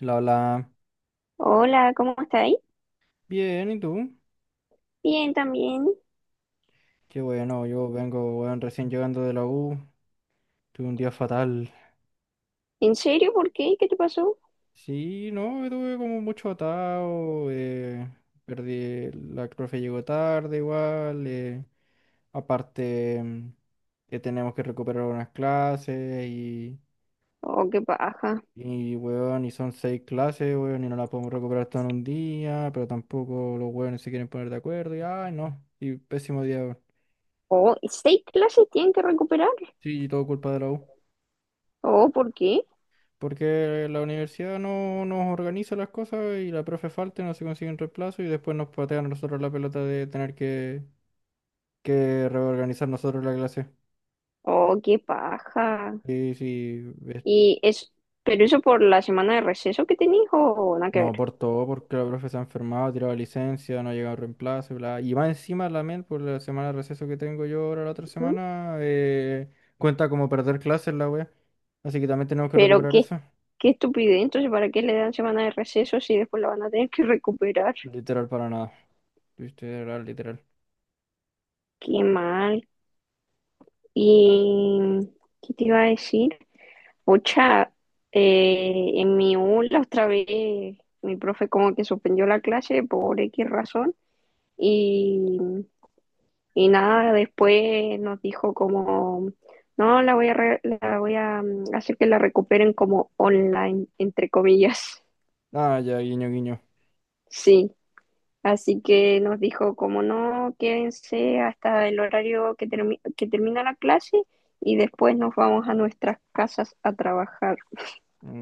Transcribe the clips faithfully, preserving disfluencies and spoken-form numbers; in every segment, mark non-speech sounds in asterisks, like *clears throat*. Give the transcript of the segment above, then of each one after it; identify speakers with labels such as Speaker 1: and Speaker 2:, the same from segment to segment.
Speaker 1: La, la.
Speaker 2: Hola, ¿cómo estáis?
Speaker 1: Bien, ¿y tú?
Speaker 2: Bien, también.
Speaker 1: Qué bueno, yo vengo, weón, recién llegando de la U. Tuve un día fatal.
Speaker 2: ¿En serio? ¿Por qué? ¿Qué te pasó?
Speaker 1: Sí, no, tuve como mucho atado. Eh, perdí, la profe llegó tarde igual. eh, aparte, mm, que tenemos que recuperar unas clases y,
Speaker 2: Oh, qué paja.
Speaker 1: y, weón, y son seis clases, weón, y no las podemos recuperar todo en un día, pero tampoco los weones se quieren poner de acuerdo y, ay, no, y pésimo día, weón.
Speaker 2: Oh, seis clases tienen que recuperar.
Speaker 1: Sí, y todo culpa de la U.
Speaker 2: Oh, ¿por qué?
Speaker 1: Porque la universidad no nos organiza las cosas y la profe falta, y no se consigue un reemplazo y después nos patean a nosotros la pelota de tener que, que reorganizar nosotros la clase.
Speaker 2: Oh, qué paja.
Speaker 1: Y si es-
Speaker 2: Y es, pero eso por la semana de receso que tenéis o nada que
Speaker 1: no
Speaker 2: ver.
Speaker 1: aportó porque la profe se ha enfermado, ha tirado licencia, no ha llegado reemplazo, bla. Y más encima la M E L, por la semana de receso que tengo yo ahora la otra
Speaker 2: ¿Mm?
Speaker 1: semana, eh, cuenta como perder clases la wea. Así que también tenemos que
Speaker 2: Pero
Speaker 1: recuperar
Speaker 2: qué,
Speaker 1: eso.
Speaker 2: qué estupidez. Entonces, ¿para qué le dan semana de receso si después la van a tener que recuperar?
Speaker 1: Literal para nada. Literal, literal.
Speaker 2: Qué mal. ¿Y qué te iba a decir? Pucha, eh, en mi U la otra vez mi profe como que suspendió la clase por X razón y, y nada, después nos dijo como, no, la voy a, re- la voy a mm, hacer que la recuperen como online, entre comillas. *laughs*
Speaker 1: Ah, ya, guiño, guiño.
Speaker 2: Sí, así que nos dijo como, no, quédense hasta el horario que, termi- que termina la clase y después nos vamos a nuestras casas a trabajar.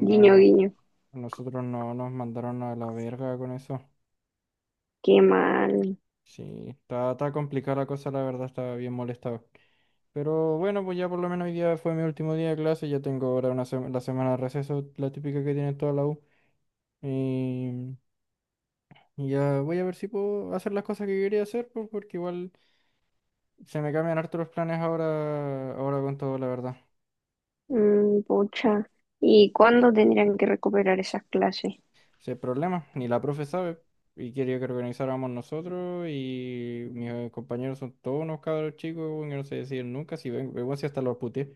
Speaker 2: Guiño, guiño,
Speaker 1: a nosotros no nos mandaron a la verga con eso.
Speaker 2: qué mal.
Speaker 1: Sí, está, está complicada la cosa, la verdad, estaba bien molestado. Pero bueno, pues ya por lo menos hoy día fue mi último día de clase, ya tengo ahora una sema- la semana de receso, la típica que tiene toda la U. Y, y ya voy a ver si puedo hacer las cosas que quería hacer, pues, porque igual se me cambian hartos los planes ahora, ahora con todo, la verdad.
Speaker 2: Mm, pucha. ¿Y cuándo tendrían que recuperar esas clases?
Speaker 1: Si hay problema, ni la profe sabe. Y quería que organizáramos nosotros y mis eh, compañeros son todos unos cabros chicos, weón, que no se deciden nunca. Si ven, igual si hasta los puteé.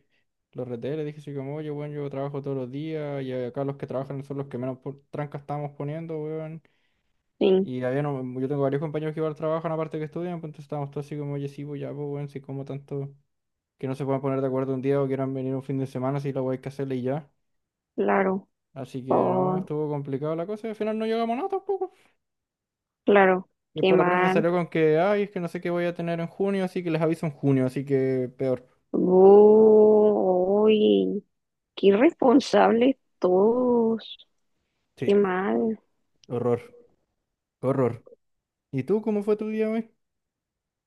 Speaker 1: Los reté, les dije así como, oye, weón, yo trabajo todos los días y acá los que trabajan son los que menos por- trancas estamos poniendo, weón.
Speaker 2: Sí,
Speaker 1: Y había, no- yo tengo varios compañeros que igual trabajan aparte que estudian, pues entonces estábamos todos así como, oye, sí, pues ya, pues, weón, si como tanto que no se puedan poner de acuerdo un día o quieran venir un fin de semana, si la weá hay que hacerle y ya.
Speaker 2: claro.
Speaker 1: Así que no,
Speaker 2: Oh,
Speaker 1: estuvo complicado la cosa y al final no llegamos a nada tampoco.
Speaker 2: claro.
Speaker 1: Y
Speaker 2: Qué
Speaker 1: después la profe
Speaker 2: mal.
Speaker 1: salió con que, ay, es que no sé qué voy a tener en junio, así que les aviso en junio, así que peor.
Speaker 2: Bu, uy, qué irresponsables todos. Qué
Speaker 1: Sí,
Speaker 2: mal.
Speaker 1: horror, horror. ¿Y tú cómo fue tu día hoy?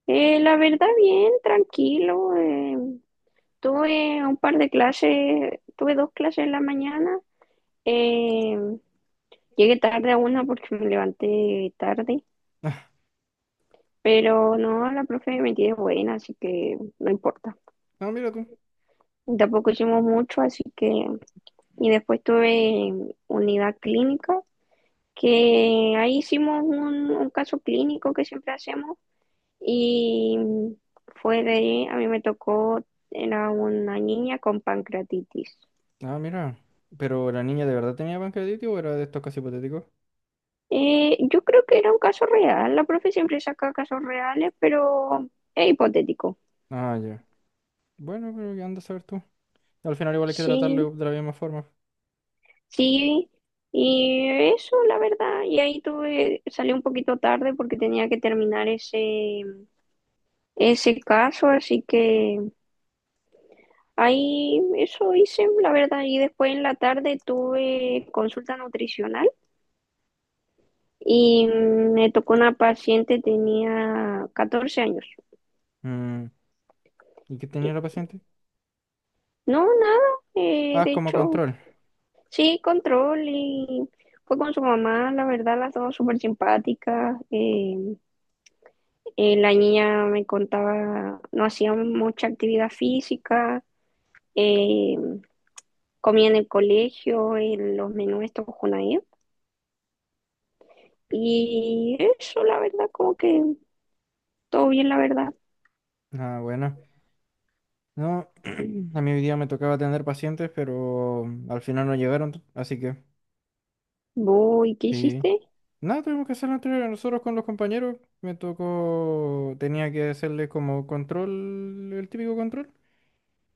Speaker 2: Eh, la verdad, bien, tranquilo. Eh, tuve un par de clases, tuve dos clases en la mañana. eh, Llegué tarde a una porque me levanté tarde,
Speaker 1: Ah,
Speaker 2: pero no, la profe me tiene buena, así que no importa.
Speaker 1: no, mira tú.
Speaker 2: Tampoco hicimos mucho, así que... Y después tuve unidad clínica, que ahí hicimos un, un caso clínico que siempre hacemos y fue de... A mí me tocó, era una niña con pancreatitis.
Speaker 1: Ah, mira. ¿Pero la niña de verdad tenía pancreatitis o era de estos casos hipotéticos?
Speaker 2: Eh, yo creo que era un caso real, la profe siempre saca casos reales, pero es hipotético.
Speaker 1: Ah, ya. Bueno, pero ¿qué andas a saber tú? Al final igual hay que
Speaker 2: Sí,
Speaker 1: tratarlo de la misma forma.
Speaker 2: sí, y eso, la verdad, y ahí tuve, salí un poquito tarde porque tenía que terminar ese, ese caso, así que ahí eso hice, la verdad, y después en la tarde tuve consulta nutricional y me tocó una paciente, tenía catorce años.
Speaker 1: Mm. ¿Y qué tenía
Speaker 2: Y-
Speaker 1: la paciente?
Speaker 2: No, nada, eh,
Speaker 1: Ah,
Speaker 2: de
Speaker 1: como
Speaker 2: hecho,
Speaker 1: control.
Speaker 2: sí, control y fue con su mamá, la verdad, las dos súper simpáticas. Eh, eh, la niña me contaba, no hacía mucha actividad física, eh, comía en el colegio, en los menús estos Junaed. Y eso, la verdad, como que todo bien, la verdad.
Speaker 1: Ah, bueno. No, *clears throat* a mí hoy día me tocaba atender pacientes, pero al final no llegaron, así que...
Speaker 2: Voy, ¿qué
Speaker 1: Sí.
Speaker 2: hiciste?
Speaker 1: Nada, tuvimos que hacer la entrega nosotros con los compañeros. Me tocó, tenía que hacerle como control, el típico control.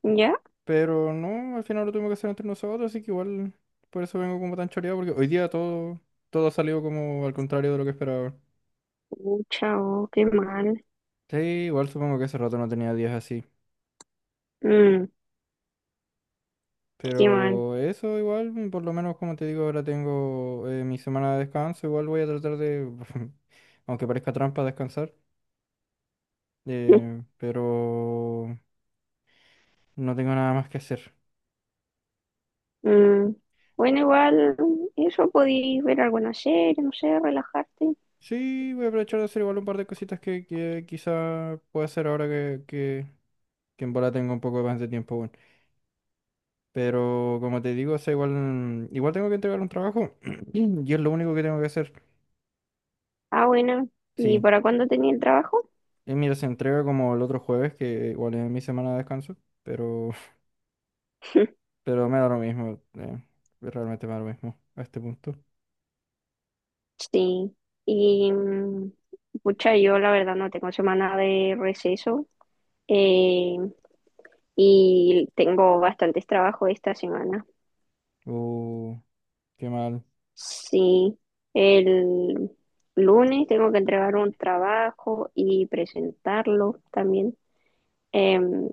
Speaker 2: ¿Ya?
Speaker 1: Pero no, al final lo tuvimos que hacer entre nosotros, así que igual por eso vengo como tan choreado, porque hoy día todo, todo ha salido como al contrario de lo que esperaba.
Speaker 2: Pucha, oh, qué mal.
Speaker 1: Sí, igual supongo que hace rato no tenía días así.
Speaker 2: Mm, qué mal.
Speaker 1: Pero eso igual, mm, por lo menos como te digo, ahora tengo eh, mi semana de descanso, igual voy a tratar de, *laughs* aunque parezca trampa, descansar. Eh,
Speaker 2: *laughs*
Speaker 1: pero... No tengo nada más que hacer.
Speaker 2: Mm, bueno, igual, eso podéis ver alguna serie, no sé, relajarte.
Speaker 1: Sí, voy a aprovechar de hacer igual un par de cositas que, que quizá pueda hacer ahora que, que, que en bola tengo un poco más de tiempo, bueno. Pero como te digo, o sea, igual, igual tengo que entregar un trabajo *clears throat* y es lo único que tengo que hacer.
Speaker 2: Ah, bueno. ¿Y
Speaker 1: Sí,
Speaker 2: para cuándo tenía el trabajo?
Speaker 1: y mira, se entrega como el otro jueves, que igual es mi semana de descanso, pero,
Speaker 2: *laughs*
Speaker 1: *laughs* pero me da lo mismo, eh, realmente me da lo mismo a este punto.
Speaker 2: Sí. Y, mm, pucha, yo la verdad no tengo semana de receso. eh, y tengo bastantes trabajos esta semana.
Speaker 1: Uh, Qué mal.
Speaker 2: Sí, el lunes tengo que entregar un trabajo y presentarlo también. Em,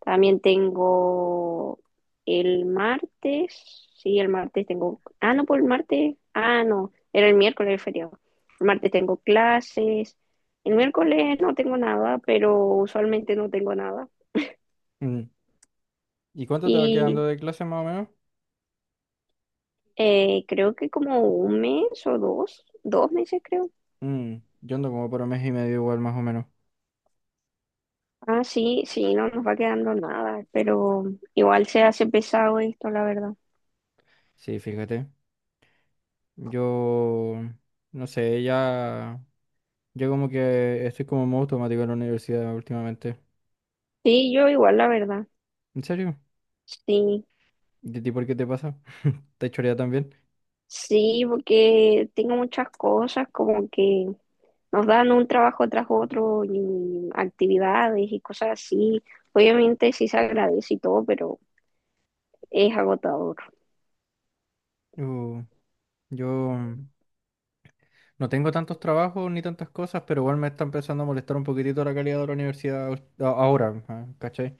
Speaker 2: también tengo el martes, sí, el martes tengo, ah, no, por el martes, ah, no, era el miércoles el feriado. El martes tengo clases, el miércoles no tengo nada, pero usualmente no tengo nada.
Speaker 1: Mm. ¿Y cuánto te va quedando
Speaker 2: Y
Speaker 1: de clase más o menos?
Speaker 2: eh, creo que como un mes o dos, dos meses creo.
Speaker 1: Mm, yo ando como por un mes y medio igual más o menos.
Speaker 2: Ah, sí, sí, no nos va quedando nada, pero igual se hace pesado esto, la verdad.
Speaker 1: Sí, fíjate. Yo, no sé, ya, yo como que estoy como en modo automático en la universidad últimamente.
Speaker 2: Sí, yo igual, la verdad.
Speaker 1: ¿En serio?
Speaker 2: Sí,
Speaker 1: ¿Y a ti por qué te pasa? *laughs* ¿Te chorea también?
Speaker 2: sí, porque tengo muchas cosas como que nos dan un trabajo tras otro y actividades y cosas así. Obviamente sí se agradece y todo, pero es agotador.
Speaker 1: Yo, yo no tengo tantos trabajos ni tantas cosas, pero igual me está empezando a molestar un poquitito la calidad de la universidad ul- a- ahora, ah, ¿cachai?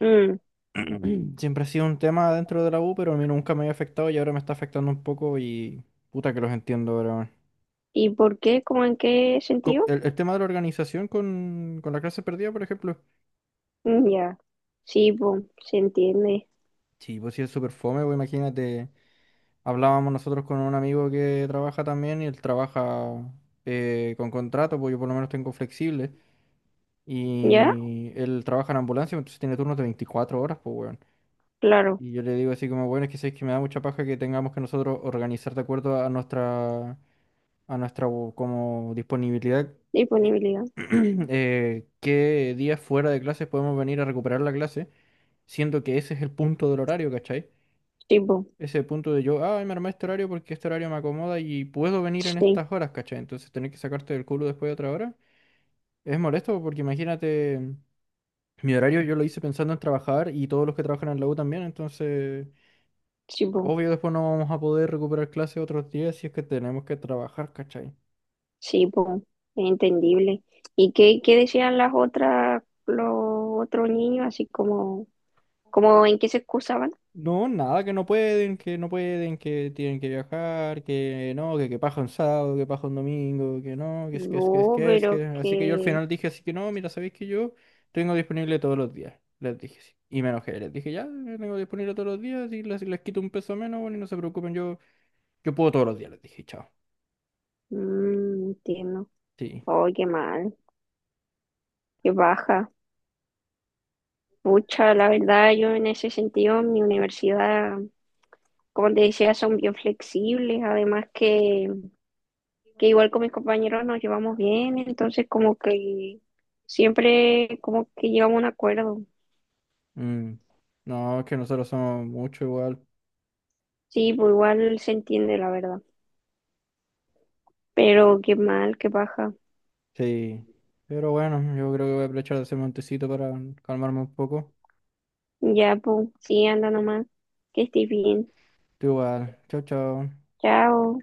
Speaker 2: Mm,
Speaker 1: *clears throat* Siempre ha sido un tema dentro de la U, pero a mí nunca me había afectado y ahora me está afectando un poco y puta que los entiendo, ahora, weón.
Speaker 2: ¿y por qué? ¿Cómo en qué
Speaker 1: Co-
Speaker 2: sentido?
Speaker 1: El, el tema de la organización con, con la clase perdida, por ejemplo.
Speaker 2: Mm, ya, sí, po, se entiende.
Speaker 1: Sí, pues sí es súper fome, pues imagínate, hablábamos nosotros con un amigo que trabaja también y él trabaja eh, con contrato, pues yo por lo menos tengo flexible
Speaker 2: ¿Ya?
Speaker 1: y él trabaja en ambulancia, entonces tiene turnos de veinticuatro horas, pues weón.
Speaker 2: Claro,
Speaker 1: Y yo le digo así como, bueno, es que sabes que me da mucha paja que tengamos que nosotros organizar de acuerdo a nuestra, a nuestra u- como disponibilidad, eh,
Speaker 2: disponibilidad.
Speaker 1: *clears throat* eh, qué días fuera de clases podemos venir a recuperar la clase, siendo que ese es el punto del horario, ¿cachai?
Speaker 2: Sí, po,
Speaker 1: Ese punto de yo, ah me armé este horario porque este horario me acomoda y puedo venir en
Speaker 2: sí,
Speaker 1: estas horas, ¿cachai? Entonces tener que sacarte del culo después de otra hora es molesto porque imagínate, mi horario yo lo hice pensando en trabajar y todos los que trabajan en la U también, entonces
Speaker 2: sí, po.
Speaker 1: obvio después no vamos a poder recuperar clases otros días si es que tenemos que trabajar, ¿cachai?
Speaker 2: Sí, pues, entendible. ¿Y qué, qué decían las otras, los otros niños, así como, como en qué se excusaban?
Speaker 1: No, nada, que no pueden, que no pueden, que tienen que viajar, que no, que, que paja un sábado, que paja un domingo, que no, que es, que es, que es,
Speaker 2: No,
Speaker 1: que es,
Speaker 2: pero
Speaker 1: que... Así que yo al
Speaker 2: que,
Speaker 1: final dije así que no, mira, ¿sabéis que yo tengo disponible todos los días? Les dije así. Y me enojé, les dije ya, yo tengo disponible todos los días y les, les quito un peso menos, bueno, y no se preocupen, yo, yo puedo todos los días, les dije, chao.
Speaker 2: mm, entiendo.
Speaker 1: Sí.
Speaker 2: Oh, qué mal, qué baja. Pucha, la verdad, yo en ese sentido, en mi universidad, como te decía, son bien flexibles, además que, que igual con mis compañeros nos llevamos bien, entonces como que siempre como que llegamos a un acuerdo.
Speaker 1: mm, No, es que nosotros somos mucho igual.
Speaker 2: Sí, pues igual se entiende, la verdad. Pero qué mal, qué baja.
Speaker 1: Sí. Pero bueno, yo creo que voy a aprovechar de ese montecito para calmarme un poco.
Speaker 2: Ya, pues, sí, anda nomás. Que estés bien.
Speaker 1: Tú igual. Chao, chao.
Speaker 2: Chao.